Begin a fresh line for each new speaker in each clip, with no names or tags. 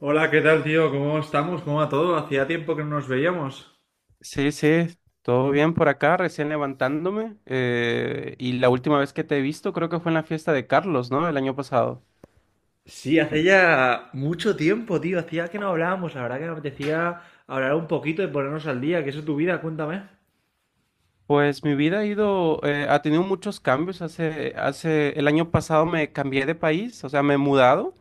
Hola, ¿qué tal, tío? ¿Cómo estamos? ¿Cómo va todo? Hacía tiempo que no nos veíamos.
Sí, sí, todo bien por acá, recién levantándome. Y la última vez que te he visto creo que fue en la fiesta de Carlos, ¿no? El año pasado.
Sí, hace ya mucho tiempo, tío. Hacía que no hablábamos. La verdad que me apetecía hablar un poquito y ponernos al día. ¿Qué es de tu vida? Cuéntame.
Pues mi vida ha ido, ha tenido muchos cambios. El año pasado me cambié de país, o sea, me he mudado.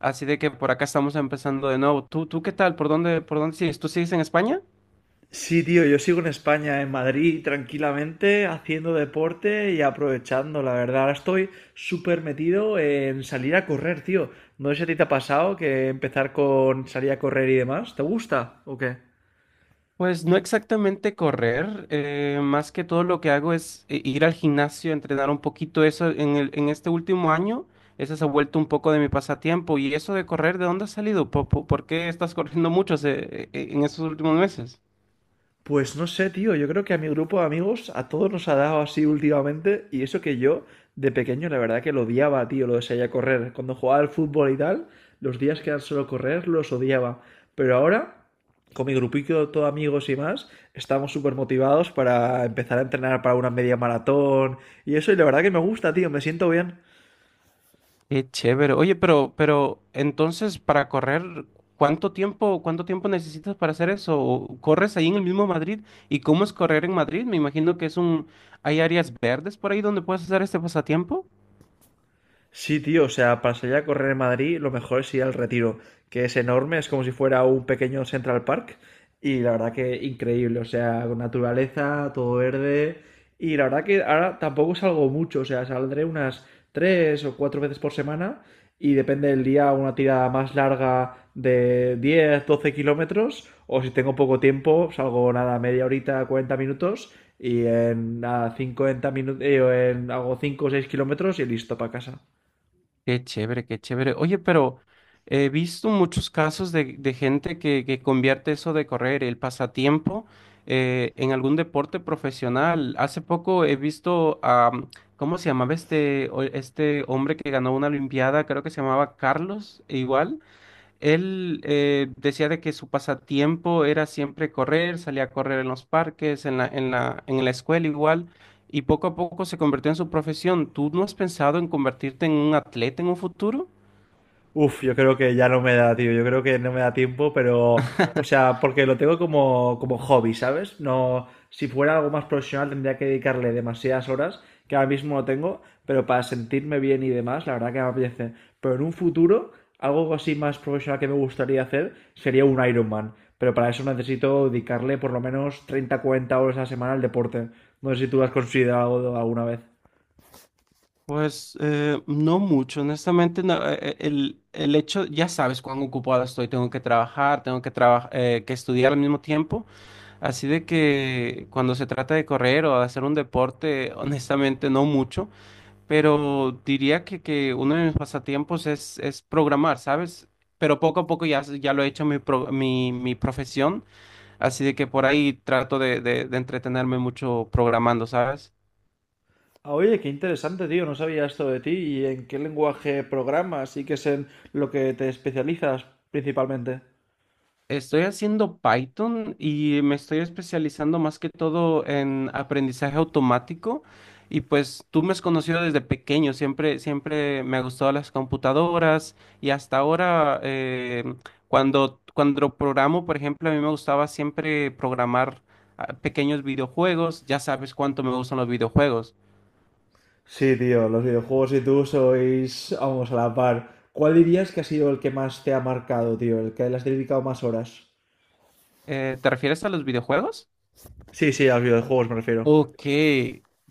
Así de que por acá estamos empezando de nuevo. ¿Tú qué tal? ¿Por dónde sigues? ¿Tú sigues en España?
Sí, tío, yo sigo en España, en Madrid, tranquilamente, haciendo deporte y aprovechando. La verdad, ahora estoy súper metido en salir a correr, tío. No sé si a ti te ha pasado que empezar con salir a correr y demás. ¿Te gusta o qué?
Pues no exactamente correr, más que todo lo que hago es ir al gimnasio, entrenar un poquito eso. En este último año, eso se ha vuelto un poco de mi pasatiempo. ¿Y eso de correr, de dónde ha salido? Por qué estás corriendo mucho en estos últimos meses?
Pues no sé, tío, yo creo que a mi grupo de amigos a todos nos ha dado así últimamente, y eso que yo de pequeño la verdad que lo odiaba, tío, lo de salir a correr. Cuando jugaba al fútbol y tal, los días que eran solo correr los odiaba. Pero ahora, con mi grupito de todo amigos y más, estamos súper motivados para empezar a entrenar para una media maratón y eso, y la verdad que me gusta, tío, me siento bien.
Qué chévere. Oye, pero entonces para correr, ¿cuánto tiempo necesitas para hacer eso? ¿O ¿Corres ahí en el mismo Madrid? ¿Y cómo es correr en Madrid? Me imagino que hay áreas verdes por ahí donde puedes hacer este pasatiempo.
Sí, tío, o sea, para salir a correr en Madrid, lo mejor es ir al Retiro, que es enorme, es como si fuera un pequeño Central Park, y la verdad que increíble, o sea, con naturaleza, todo verde, y la verdad que ahora tampoco salgo mucho, o sea, saldré unas tres o cuatro veces por semana, y depende del día, una tirada más larga de 10, 12 kilómetros, o si tengo poco tiempo, salgo nada, media horita, 40 minutos, y en nada, 50 minutos, hago 5 o 6 kilómetros y listo para casa.
Qué chévere, qué chévere. Oye, pero he visto muchos casos de gente que convierte eso de correr, el pasatiempo, en algún deporte profesional. Hace poco he visto a, ¿cómo se llamaba este hombre que ganó una olimpiada? Creo que se llamaba Carlos, igual. Él decía de que su pasatiempo era siempre correr, salía a correr en los parques, en en la escuela igual, y poco a poco se convirtió en su profesión. ¿Tú no has pensado en convertirte en un atleta en un futuro?
Uf, yo creo que ya no me da, tío. Yo creo que no me da tiempo, pero. O sea, porque lo tengo como hobby, ¿sabes? No. Si fuera algo más profesional tendría que dedicarle demasiadas horas, que ahora mismo no tengo, pero para sentirme bien y demás, la verdad que me apetece. Pero en un futuro, algo así más profesional que me gustaría hacer sería un Ironman. Pero para eso necesito dedicarle por lo menos 30, 40 horas a la semana al deporte. No sé si tú has considerado alguna vez.
Pues no mucho, honestamente, no, el hecho, ya sabes cuán ocupada estoy, tengo que trabajar, tengo que, que estudiar al mismo tiempo, así de que cuando se trata de correr o de hacer un deporte, honestamente no mucho. Pero diría que uno de mis pasatiempos es programar, ¿sabes? Pero poco a poco ya, ya lo he hecho mi profesión, así de que por ahí trato de entretenerme mucho programando, ¿sabes?
Ah, oye, qué interesante, tío. No sabía esto de ti. ¿Y en qué lenguaje programas y qué es en lo que te especializas principalmente?
Estoy haciendo Python y me estoy especializando más que todo en aprendizaje automático. Y pues tú me has conocido desde pequeño, siempre me ha gustado las computadoras y hasta ahora cuando programo, por ejemplo, a mí me gustaba siempre programar ah, pequeños videojuegos. Ya sabes cuánto me gustan los videojuegos.
Sí, tío, los videojuegos y tú sois, vamos, a la par. ¿Cuál dirías que ha sido el que más te ha marcado, tío? ¿El que le has dedicado más horas?
¿Eh, te refieres a los videojuegos?
Sí, sí, a los videojuegos me refiero.
Ok,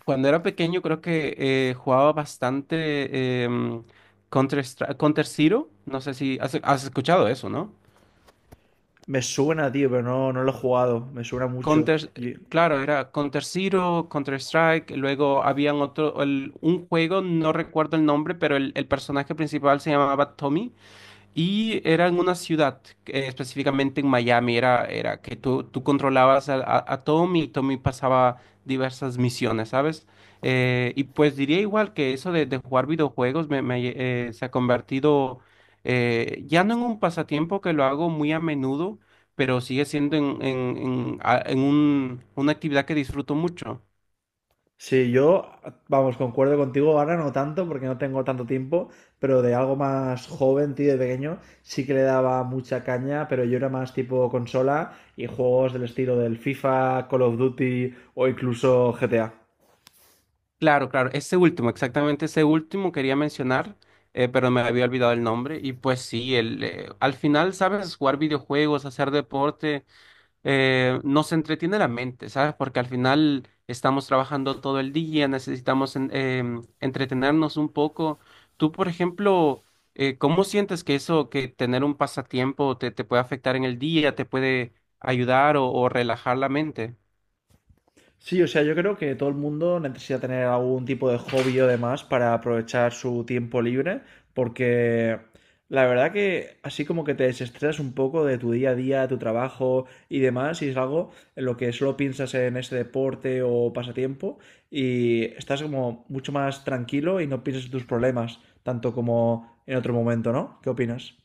cuando era pequeño creo que jugaba bastante Counter, Counter Zero, no sé si has escuchado eso, ¿no?
Me suena, tío, pero no, no lo he jugado. Me suena mucho.
Counter, claro, era Counter Zero, Counter Strike, luego habían otro, un juego, no recuerdo el nombre, pero el personaje principal se llamaba Tommy. Y era en una ciudad, específicamente en Miami, era que tú controlabas a, a Tommy, y Tommy pasaba diversas misiones, ¿sabes? Y pues diría igual que eso de jugar videojuegos se ha convertido ya no en un pasatiempo que lo hago muy a menudo, pero sigue siendo en, a- en un- una actividad que disfruto mucho.
Sí, yo, vamos, concuerdo contigo, ahora no tanto porque no tengo tanto tiempo, pero de algo más joven, tío, de pequeño, sí que le daba mucha caña, pero yo era más tipo consola y juegos del estilo del FIFA, Call of Duty o incluso GTA.
Claro, claro, ese último, exactamente ese último quería mencionar, pero me había olvidado el nombre. Y pues sí, al final, ¿sabes? Jugar videojuegos, hacer deporte, nos entretiene la mente, ¿sabes? Porque al final estamos trabajando todo el día, necesitamos entretenernos un poco. Tú, por ejemplo, ¿cómo sientes que eso, que tener un pasatiempo te puede afectar en el día, te puede ayudar o relajar la mente?
Sí, o sea, yo creo que todo el mundo necesita tener algún tipo de hobby o demás para aprovechar su tiempo libre, porque la verdad que así como que te desestresas un poco de tu día a día, tu trabajo y demás, y es algo en lo que solo piensas en ese deporte o pasatiempo y estás como mucho más tranquilo y no piensas en tus problemas, tanto como en otro momento, ¿no? ¿Qué opinas?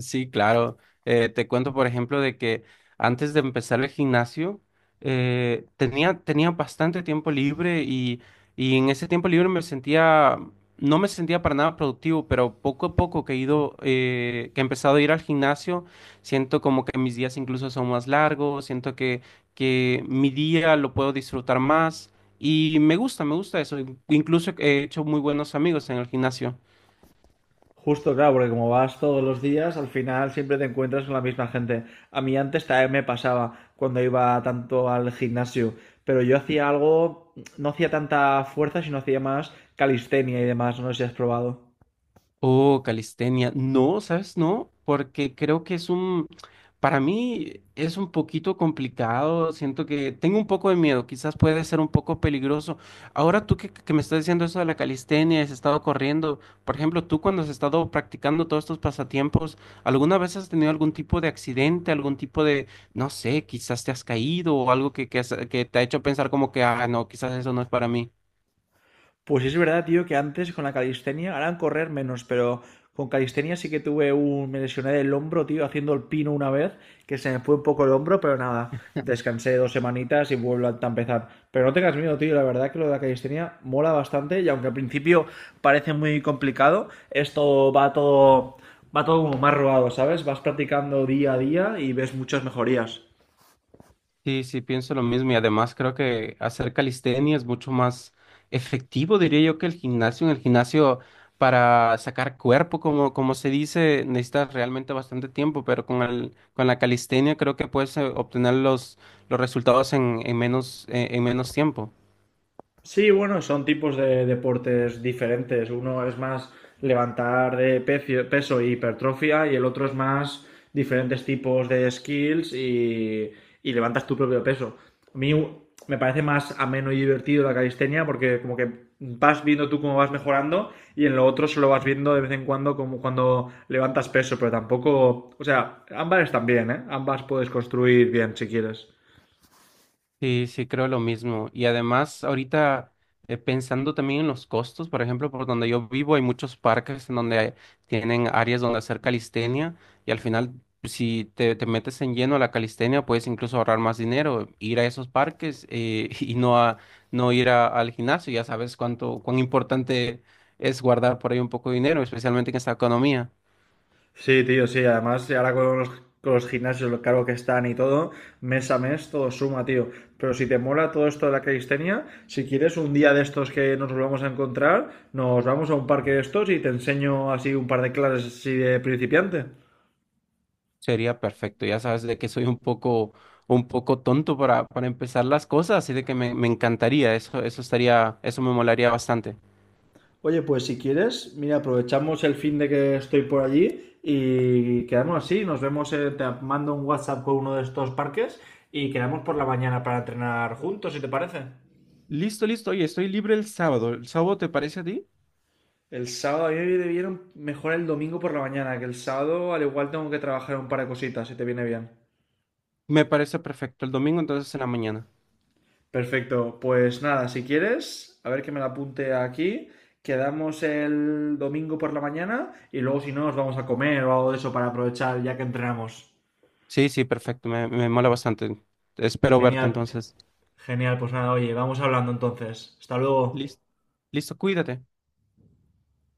Sí, claro. Te cuento, por ejemplo, de que antes de empezar el gimnasio, tenía bastante tiempo libre y en ese tiempo libre me sentía, no me sentía para nada productivo, pero poco a poco que he ido, que he empezado a ir al gimnasio, siento como que mis días incluso son más largos, siento que mi día lo puedo disfrutar más y me gusta eso. Incluso he hecho muy buenos amigos en el gimnasio.
Justo, claro, porque como vas todos los días, al final siempre te encuentras con la misma gente. A mí antes también me pasaba cuando iba tanto al gimnasio, pero yo hacía algo, no hacía tanta fuerza, sino hacía más calistenia y demás, no sé si has probado.
Oh, calistenia. No, ¿sabes? No, porque creo que para mí es un poquito complicado. Siento que tengo un poco de miedo, quizás puede ser un poco peligroso. Ahora tú que me estás diciendo eso de la calistenia, has estado corriendo, por ejemplo, tú cuando has estado practicando todos estos pasatiempos, ¿alguna vez has tenido algún tipo de accidente, algún tipo de, no sé, quizás te has caído o algo que te ha hecho pensar como que, ah, no, ¿quizás eso no es para mí?
Pues es verdad, tío, que antes con la calistenia, ahora correr menos, pero con calistenia sí que tuve un... Me lesioné del hombro, tío, haciendo el pino una vez, que se me fue un poco el hombro, pero nada, descansé dos semanitas y vuelvo a empezar. Pero no tengas miedo, tío, la verdad que lo de la calistenia mola bastante, y aunque al principio parece muy complicado, Va todo como más robado, ¿sabes? Vas practicando día a día y ves muchas mejorías.
Sí, sí, pienso lo mismo y además creo que hacer calistenia es mucho más efectivo, diría yo, que el gimnasio. En el gimnasio para sacar cuerpo, como, como se dice, necesitas realmente bastante tiempo, pero con con la calistenia creo que puedes obtener los resultados en menos tiempo.
Sí, bueno, son tipos de deportes diferentes. Uno es más levantar peso y hipertrofia, y el otro es más diferentes tipos de skills y levantas tu propio peso. A mí me parece más ameno y divertido la calistenia, porque como que vas viendo tú cómo vas mejorando, y en lo otro solo vas viendo de vez en cuando, como cuando levantas peso, pero tampoco, o sea, ambas están bien, ¿eh? Ambas puedes construir bien si quieres.
Sí, sí, creo lo mismo. Y además, ahorita pensando también en los costos, por ejemplo, por donde yo vivo hay muchos parques en donde tienen áreas donde hacer calistenia y al final, pues, si te metes en lleno a la calistenia, puedes incluso ahorrar más dinero, ir a esos parques y no, a, no ir al gimnasio. Ya sabes cuánto, cuán importante es guardar por ahí un poco de dinero, especialmente en esta economía.
Sí, tío, sí, además ahora con los gimnasios, lo caro que están y todo, mes a mes todo suma, tío. Pero si te mola todo esto de la calistenia, si quieres un día de estos que nos volvamos a encontrar, nos vamos a un parque de estos y te enseño así un par de clases así de principiante.
Sería perfecto, ya sabes de que soy un poco tonto para empezar las cosas, así de que me encantaría, eso estaría, eso me molaría bastante.
Oye, pues si quieres, mira, aprovechamos el fin de que estoy por allí y quedamos así, nos vemos, te mando un WhatsApp con uno de estos parques y quedamos por la mañana para entrenar juntos, si te parece.
Listo, listo, oye, estoy libre el sábado. ¿El sábado te parece a ti?
El sábado, a mí me debieron mejor el domingo por la mañana, que el sábado al igual tengo que trabajar un par de cositas, si te viene bien.
Me parece perfecto. El domingo entonces en la mañana.
Perfecto, pues nada, si quieres, a ver que me la apunte aquí. Quedamos el domingo por la mañana, y luego si no nos vamos a comer o algo de eso para aprovechar ya que entrenamos.
Sí, sí, perfecto, me mola bastante. Espero verte
Genial,
entonces.
genial, pues nada, oye, vamos hablando entonces. Hasta luego.
Listo, listo, cuídate.